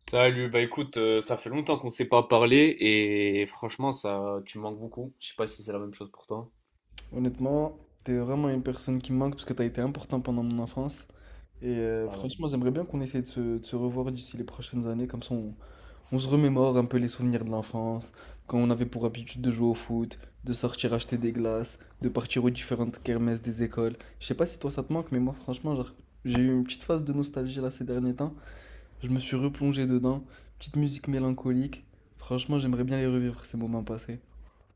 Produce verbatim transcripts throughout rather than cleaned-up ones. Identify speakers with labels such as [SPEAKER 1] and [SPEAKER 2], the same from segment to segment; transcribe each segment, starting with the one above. [SPEAKER 1] Salut, bah écoute, euh, ça fait longtemps qu'on s'est pas parlé et franchement, ça, tu me manques beaucoup. Je sais pas si c'est la même chose pour toi.
[SPEAKER 2] Honnêtement, t'es vraiment une personne qui me manque parce que t'as été important pendant mon enfance. Et euh, franchement, j'aimerais bien qu'on essaie de se, de se revoir d'ici les prochaines années. Comme ça, on, on se remémore un peu les souvenirs de l'enfance, quand on avait pour habitude de jouer au foot, de sortir acheter des glaces, de partir aux différentes kermesses des écoles. Je sais pas si toi ça te manque, mais moi, franchement, genre, j'ai eu une petite phase de nostalgie là ces derniers temps. Je me suis replongé dedans. Petite musique mélancolique. Franchement, j'aimerais bien les revivre, ces moments passés.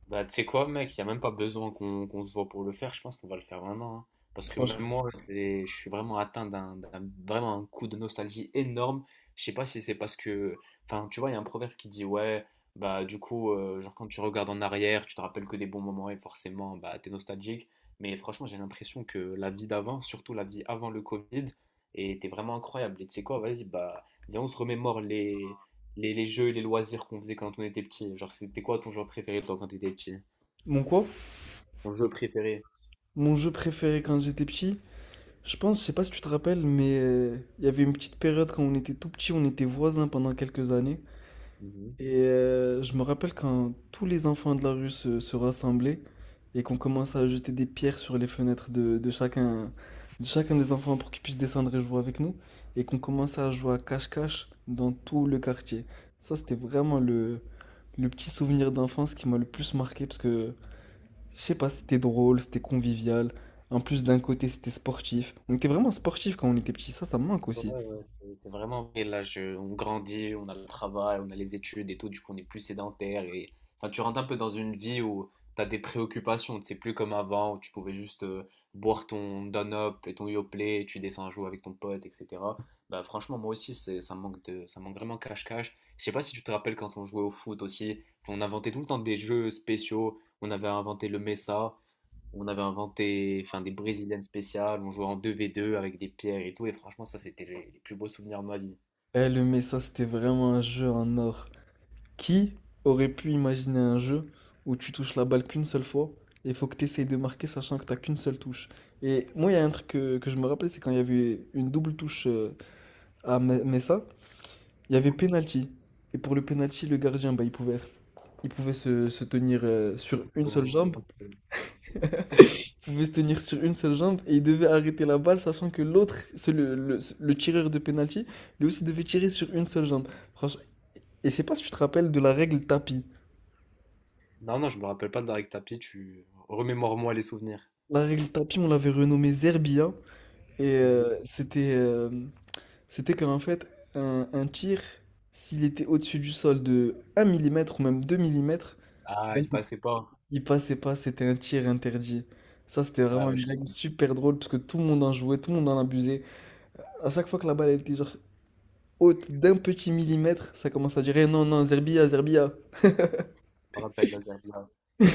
[SPEAKER 1] Bah, tu sais quoi, mec, il n'y a même pas besoin qu'on qu'on se voit pour le faire. Je pense qu'on va le faire vraiment, hein. Parce que même
[SPEAKER 2] Franchement.
[SPEAKER 1] moi, j'ai- je suis vraiment atteint d'un d'un- vraiment un coup de nostalgie énorme. Je sais pas si c'est parce que. Enfin, tu vois, il y a un proverbe qui dit, ouais, bah, du coup, euh, genre, quand tu regardes en arrière, tu te rappelles que des bons moments et forcément, bah, t'es nostalgique. Mais franchement, j'ai l'impression que la vie d'avant, surtout la vie avant le Covid, était vraiment incroyable. Et tu sais quoi, vas-y, bah, viens, on se remémore les, les jeux et les loisirs qu'on faisait quand on était petit. Genre, c'était quoi ton jeu préféré toi quand t'étais petit?
[SPEAKER 2] Mon quoi?
[SPEAKER 1] Ton jeu préféré?
[SPEAKER 2] Mon jeu préféré quand j'étais petit? Je pense, je sais pas si tu te rappelles, mais euh, il y avait une petite période quand on était tout petit, on était voisins pendant quelques années. Et euh, je me rappelle quand tous les enfants de la rue se, se rassemblaient et qu'on commençait à jeter des pierres sur les fenêtres de, de chacun, de chacun des enfants pour qu'ils puissent descendre et jouer avec nous. Et qu'on commençait à jouer à cache-cache dans tout le quartier. Ça, c'était vraiment le, le petit souvenir d'enfance qui m'a le plus marqué parce que je sais pas, c'était drôle, c'était convivial. En plus, d'un côté, c'était sportif. On était vraiment sportif quand on était petit, ça, ça me manque
[SPEAKER 1] Ouais,
[SPEAKER 2] aussi.
[SPEAKER 1] ouais, c'est c'est vraiment vrai. Là, je- on grandit, on a le travail, on a les études et tout, du coup, on est plus sédentaire. Et enfin, tu rentres un peu dans une vie où tu as des préoccupations. C'est plus comme avant où tu pouvais juste euh, boire ton Don-Up et ton Yoplait, et tu descends jouer avec ton pote, et cetera. Bah, franchement, moi aussi, c'est, ça me manque de, ça me manque vraiment cache-cache. Je sais pas si tu te rappelles quand on jouait au foot aussi. Enfin, on inventait tout le temps des jeux spéciaux. On avait inventé le Mesa, on avait inventé enfin, des brésiliennes spéciales, on jouait en deux v deux avec des pierres et tout, et franchement, ça, c'était les, les plus beaux souvenirs de ma vie.
[SPEAKER 2] Eh, le Mesa, c'était vraiment un jeu en or. Qui aurait pu imaginer un jeu où tu touches la balle qu'une seule fois et il faut que tu essayes de marquer sachant que t'as qu'une seule touche. Et moi, il y a un truc que, que je me rappelais, c'est quand il y avait une double touche euh, à Me- Mesa, il y avait penalty. Et pour le penalty, le gardien, bah, il pouvait être- il pouvait se, se tenir euh, sur une seule
[SPEAKER 1] Euh,
[SPEAKER 2] jambe, pouvait se tenir sur une seule jambe et il devait arrêter la balle, sachant que l'autre, c'est le, le- le tireur de penalty, lui aussi devait tirer sur une seule jambe. Franchement, et je sais pas si tu te rappelles de la règle tapis.
[SPEAKER 1] Non, non, je me rappelle pas de Darek Tapi, tu remémore-moi les souvenirs.
[SPEAKER 2] La règle tapis, on l'avait renommée Zerbia et
[SPEAKER 1] Mhm.
[SPEAKER 2] euh, c'était euh, c'était qu'en fait un, un tir, s'il était au-dessus du sol de un millimètre ou même deux millimètres,
[SPEAKER 1] Ah,
[SPEAKER 2] bah,
[SPEAKER 1] il
[SPEAKER 2] c'est-
[SPEAKER 1] passait pas.
[SPEAKER 2] il passait pas, c'était un tir interdit. Ça, c'était
[SPEAKER 1] Ouais,
[SPEAKER 2] vraiment
[SPEAKER 1] ouais,
[SPEAKER 2] une règle super drôle parce que tout le monde en jouait, tout le monde en abusait. À chaque fois que la balle elle était genre haute d'un petit millimètre, ça commence à durer. Non, non, Zerbia, Zerbia.
[SPEAKER 1] je me rappelle la Z A D.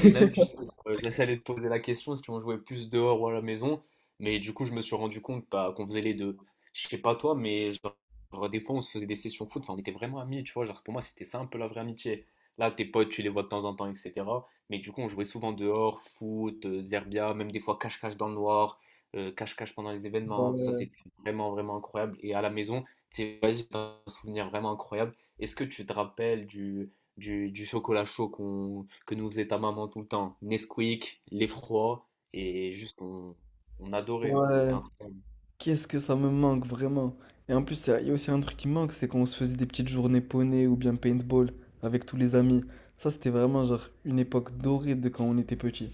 [SPEAKER 1] Et même, tu sais, euh, j'essayais de poser la question si on jouait plus dehors ou à la maison. Mais du coup, je me suis rendu compte bah, qu'on faisait les deux. Je sais pas toi, mais genre, des fois, on se faisait des sessions foot. Enfin, on était vraiment amis, tu vois. Genre, pour moi, c'était ça un peu la vraie amitié. Là, tes potes, tu les vois de temps en temps, et cetera. Mais du coup, on jouait souvent dehors, foot, euh, zerbia, même des fois cache-cache dans le noir, euh, cache-cache pendant les événements. Ça,
[SPEAKER 2] Ouais,
[SPEAKER 1] c'était vraiment, vraiment incroyable. Et à la maison, c'est un souvenir vraiment incroyable. Est-ce que tu te rappelles du, du, du chocolat chaud qu'on, que nous faisait ta maman tout le temps. Nesquik, l'effroi, et juste on, on adorait, moi. C'était
[SPEAKER 2] ouais.
[SPEAKER 1] incroyable.
[SPEAKER 2] Qu'est-ce que ça me manque vraiment. Et en plus, ça- il y a aussi un truc qui manque, c'est quand on se faisait des petites journées poney ou bien paintball avec tous les amis. Ça, c'était vraiment genre une époque dorée de quand on était petit.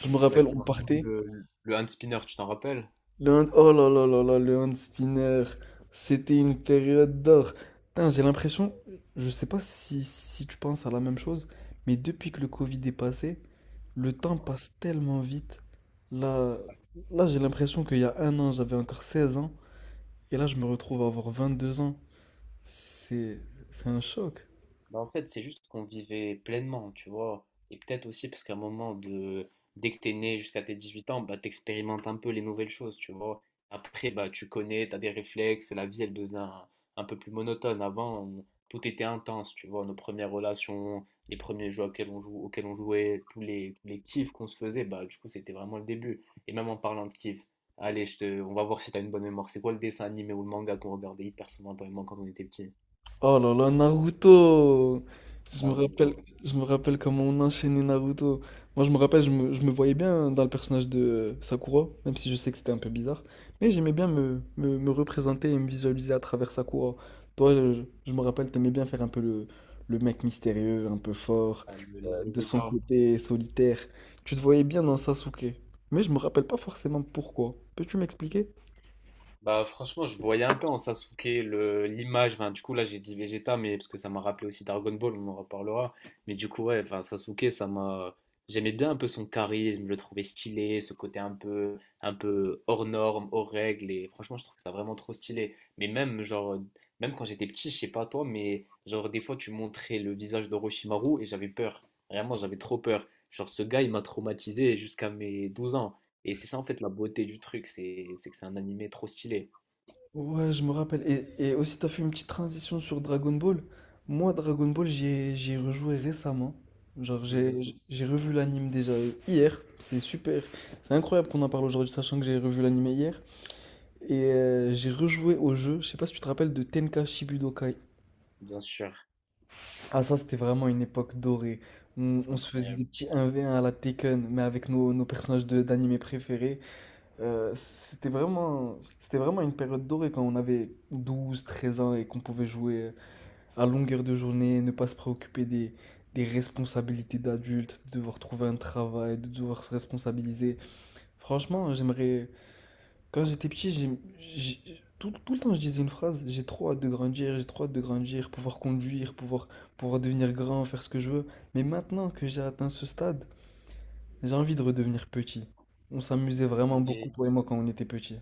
[SPEAKER 2] Je me rappelle, on
[SPEAKER 1] Exactement.
[SPEAKER 2] partait.
[SPEAKER 1] Le, le hand spinner, tu t'en rappelles?
[SPEAKER 2] Le hand, oh là là là là, le hand spinner, c'était une période d'or. Putain, j'ai l'impression, je sais pas si, si tu penses à la même chose, mais depuis que le Covid est passé, le temps passe tellement vite. Là, là j'ai l'impression qu'il y a un an, j'avais encore seize ans, et là, je me retrouve à avoir vingt deux ans. C'est, c'est un choc.
[SPEAKER 1] Bah, en fait, c'est juste qu'on vivait pleinement, tu vois. Et peut-être aussi parce qu'à un moment de dès que t'es né jusqu'à tes dix-huit ans, bah t'expérimentes un peu les nouvelles choses, tu vois. Après, bah tu connais, t'as des réflexes, la vie elle devient un peu plus monotone. Avant, on- tout était intense, tu vois, nos premières relations, les premiers jeux auxquels on joue auxquels on jouait, tous les, tous les kiffs qu'on se faisait, bah du coup c'était vraiment le début. Et même en parlant de kiff, allez, je te... on va voir si t'as une bonne mémoire. C'est quoi le dessin animé ou le manga qu'on regardait hyper souvent toi et moi quand on était petit?
[SPEAKER 2] Oh là là, Naruto! Je me
[SPEAKER 1] Naruto.
[SPEAKER 2] rappelle, je me rappelle comment on enchaînait Naruto. Moi, je me rappelle, je me, je me voyais bien dans le personnage de euh, Sakura, même si je sais que c'était un peu bizarre. Mais j'aimais bien me, me, me représenter et me visualiser à travers Sakura. Toi, je, je- me rappelle, t'aimais bien faire un peu le, le mec mystérieux, un peu fort,
[SPEAKER 1] Ah, le- le
[SPEAKER 2] euh, de son
[SPEAKER 1] Vegeta.
[SPEAKER 2] côté solitaire. Tu te voyais bien dans Sasuke. Mais je me rappelle pas forcément pourquoi. Peux-tu m'expliquer?
[SPEAKER 1] Bah franchement, je voyais un peu en Sasuke le l'image. Enfin, du coup là, j'ai dit Vegeta, mais parce que ça m'a rappelé aussi Dragon Ball, on en reparlera. Mais du coup, ouais, enfin Sasuke, ça m'a. J'aimais bien un peu son charisme, je le trouvais stylé, ce côté un peu, un peu hors norme, hors règles. Et franchement, je trouve ça vraiment trop stylé. Mais même genre, même quand j'étais petit, je sais pas toi, mais genre des fois tu montrais le visage d'Orochimaru et j'avais peur. Vraiment, j'avais trop peur. Genre ce gars, il m'a traumatisé jusqu'à mes douze ans. Et c'est ça en fait la beauté du truc, c'est c'est que c'est un animé trop stylé.
[SPEAKER 2] Ouais, je me rappelle. Et, et aussi, t'as fait une petite transition sur Dragon Ball. Moi, Dragon Ball, j'y ai, j'y ai rejoué récemment. Genre,
[SPEAKER 1] Mhm.
[SPEAKER 2] j'ai, j'ai j'ai revu l'anime déjà hier. C'est super. C'est incroyable qu'on en parle aujourd'hui, sachant que j'ai revu l'anime hier. Et euh, j'ai rejoué au jeu. Je sais pas si tu te rappelles de Tenka Shibudokai.
[SPEAKER 1] Bien sûr,
[SPEAKER 2] Ah, ça, c'était vraiment une époque dorée. On, on se faisait des
[SPEAKER 1] incroyable.
[SPEAKER 2] petits un contre un à la Tekken, mais avec nos, nos personnages de, d'anime préférés. Euh, c'était vraiment, c'était vraiment une période dorée quand on avait douze treize ans et qu'on pouvait jouer à longueur de journée, ne pas se préoccuper des, des responsabilités d'adulte, de devoir trouver un travail, de devoir se responsabiliser. Franchement, j'aimerais. Quand j'étais petit, j'ai, j'ai- tout, tout le temps je disais une phrase, j'ai trop hâte de grandir, j'ai trop hâte de grandir, pouvoir conduire, pouvoir, pouvoir devenir grand, faire ce que je veux. Mais maintenant que j'ai atteint ce stade, j'ai envie de redevenir petit. On s'amusait vraiment beaucoup,
[SPEAKER 1] Mais
[SPEAKER 2] toi et moi, quand on était petit.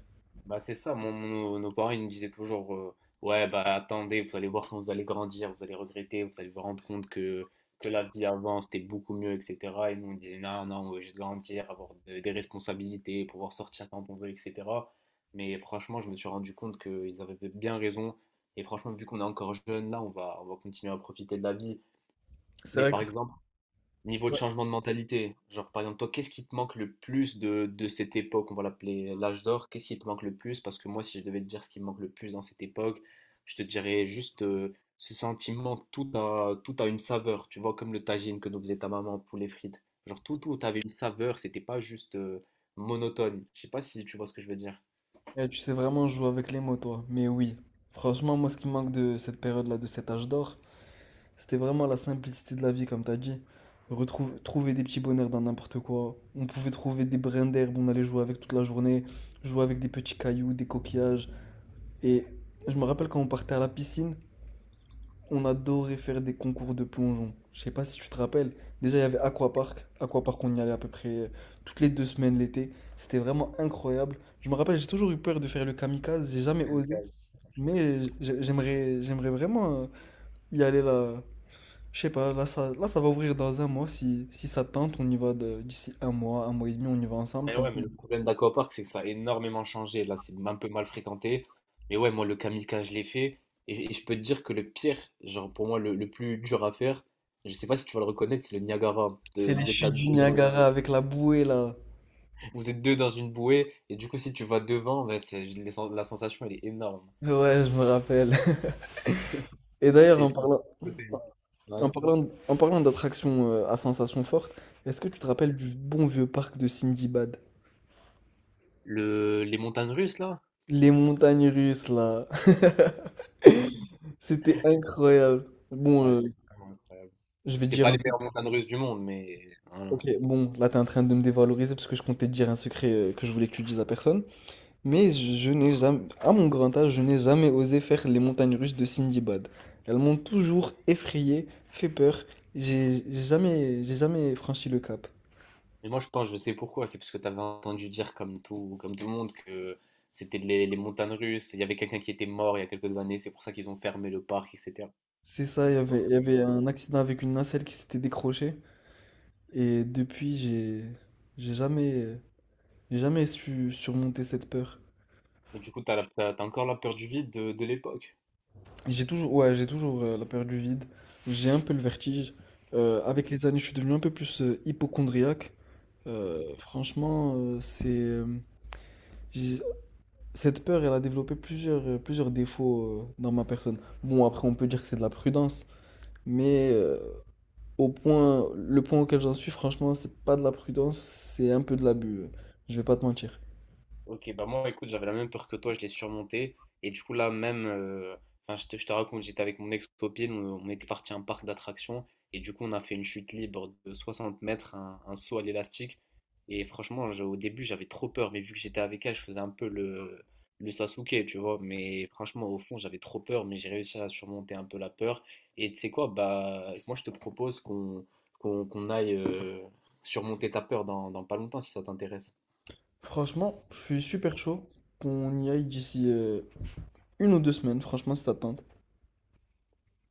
[SPEAKER 1] bah c'est ça, mon, mon- nos, parents ils nous disaient toujours euh, ouais bah attendez, vous allez voir quand vous allez grandir, vous allez regretter, vous allez vous rendre compte que, que la vie avant c'était beaucoup mieux, et cetera. Et nous on disait non, non, on est de grandir, avoir de- des responsabilités, pouvoir sortir quand on veut, et cetera. Mais franchement, je me suis rendu compte qu'ils avaient bien raison. Et franchement, vu qu'on est encore jeune là, on va, on va continuer à profiter de la vie.
[SPEAKER 2] C'est
[SPEAKER 1] Mais
[SPEAKER 2] vrai.
[SPEAKER 1] par exemple, niveau de
[SPEAKER 2] Ouais.
[SPEAKER 1] changement de mentalité, genre par exemple, toi, qu'est-ce qui te manque le plus de, de cette époque, on va l'appeler l'âge d'or, qu'est-ce qui te manque le plus? Parce que moi, si je devais te dire ce qui me manque le plus dans cette époque, je te dirais juste euh, ce sentiment, que tout a, tout a une saveur, tu vois, comme le tagine que nous faisait ta maman, poulet frites. Genre tout, tout avait une saveur, c'était pas juste euh, monotone. Je sais pas si tu vois ce que je veux dire.
[SPEAKER 2] Eh, tu sais vraiment jouer avec les mots, toi. Mais oui, franchement, moi, ce qui me manque de cette période-là, de cet âge d'or, c'était vraiment la simplicité de la vie, comme t'as dit. Retrouve, trouver des petits bonheurs dans n'importe quoi. On pouvait trouver des brins d'herbe, on allait jouer avec toute la journée, jouer avec des petits cailloux, des coquillages. Et je me rappelle quand on partait à la piscine, on adorait faire des concours de plongeon. Je sais pas si tu te rappelles. Déjà, il y avait Aquapark. Aquapark, on y allait à peu près euh, toutes les deux semaines l'été. C'était vraiment incroyable. Je me rappelle, j'ai toujours eu peur de faire le kamikaze. J'ai jamais osé. Mais j'ai- j'aimerais, j'aimerais vraiment euh, y aller là. Je sais pas, là ça, là ça va ouvrir dans un mois. Si, si ça te tente, on y va de- d'ici un mois, un mois et demi, on y va ensemble.
[SPEAKER 1] Mais
[SPEAKER 2] Comme
[SPEAKER 1] ouais,
[SPEAKER 2] ça.
[SPEAKER 1] mais le problème d'Aquapark, c'est que ça a énormément changé. Là, c'est un peu mal fréquenté. Mais ouais, moi, le kamikaze, je l'ai fait. Et, et je peux te dire que le pire, genre pour moi, le, le plus dur à faire, je sais pas si tu vas le reconnaître, c'est le Niagara. De-
[SPEAKER 2] C'est les
[SPEAKER 1] vous êtes à
[SPEAKER 2] chutes
[SPEAKER 1] deux,
[SPEAKER 2] du
[SPEAKER 1] euh,
[SPEAKER 2] Niagara avec la bouée là.
[SPEAKER 1] vous êtes deux dans une bouée. Et du coup, si tu vas devant, en fait, c'est- les sens- la sensation, elle est énorme.
[SPEAKER 2] Ouais, je me rappelle. Et d'ailleurs,
[SPEAKER 1] C'est
[SPEAKER 2] en
[SPEAKER 1] c'est-
[SPEAKER 2] parlant, En
[SPEAKER 1] Ouais.
[SPEAKER 2] parlant, d- en parlant d'attractions euh, à sensations fortes, est-ce que tu te rappelles du bon vieux parc de Sindibad?
[SPEAKER 1] Le, les montagnes russes, là?
[SPEAKER 2] Les montagnes russes, là. C'était incroyable. Bon,
[SPEAKER 1] Ouais,
[SPEAKER 2] euh,
[SPEAKER 1] c'était vraiment incroyable.
[SPEAKER 2] je
[SPEAKER 1] Bon,
[SPEAKER 2] vais te
[SPEAKER 1] c'était
[SPEAKER 2] dire
[SPEAKER 1] pas
[SPEAKER 2] un
[SPEAKER 1] les
[SPEAKER 2] secret.
[SPEAKER 1] meilleures montagnes russes du monde, mais voilà.
[SPEAKER 2] Ok, bon, là, t'es en train de me dévaloriser parce que je comptais te dire un secret euh, que je voulais que tu dises à personne. Mais je, je n'ai jamais, à mon grand âge, je n'ai jamais osé faire les montagnes russes de Sindibad. Elles m'ont toujours effrayé, fait peur. J'ai j'ai jamais, j'ai jamais franchi le cap.
[SPEAKER 1] Mais moi, je pense, je sais pourquoi. C'est parce que tu avais entendu dire, comme tout, comme tout le monde, que c'était les, les montagnes russes. Il y avait quelqu'un qui était mort il y a quelques années. C'est pour ça qu'ils ont fermé le parc, et cetera.
[SPEAKER 2] C'est ça, il y avait, il y
[SPEAKER 1] Euh,
[SPEAKER 2] avait un accident avec une nacelle qui s'était décrochée. Et depuis, j'ai, j'ai jamais, j'ai jamais su surmonter cette peur.
[SPEAKER 1] et du coup, tu as encore la peur du vide de, de l'époque.
[SPEAKER 2] J'ai toujours, ouais, j'ai toujours euh, la peur du vide. J'ai un peu le vertige. Euh, avec les années, je suis devenu un peu plus euh, hypochondriaque. Euh, franchement, euh, c'est, euh, j'ai- Cette peur, elle a développé plusieurs, euh, plusieurs défauts euh, dans ma personne. Bon, après, on peut dire que c'est de la prudence, mais euh, Au point, le point auquel j'en suis, franchement, c'est pas de la prudence, c'est un peu de l'abus. euh, Je vais pas te mentir.
[SPEAKER 1] Ok, bah moi, écoute, j'avais la même peur que toi, je l'ai surmontée. Et du coup, là, même, euh, enfin, je te, je te raconte, j'étais avec mon ex-copine, on, on était parti à un parc d'attractions. Et du coup, on a fait une chute libre de soixante mètres, un, un saut à l'élastique. Et franchement, je- au début, j'avais trop peur. Mais vu que j'étais avec elle, je faisais un peu le le Sasuke, tu vois. Mais franchement, au fond, j'avais trop peur. Mais j'ai réussi à surmonter un peu la peur. Et tu sais quoi, bah, moi, je te propose qu'on qu'on qu'on aille euh, surmonter ta peur dans, dans pas longtemps, si ça t'intéresse.
[SPEAKER 2] Franchement, je suis super chaud qu'on y aille d'ici euh, une ou deux semaines. Franchement, si t'attends.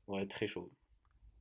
[SPEAKER 1] Ouais, très chaud.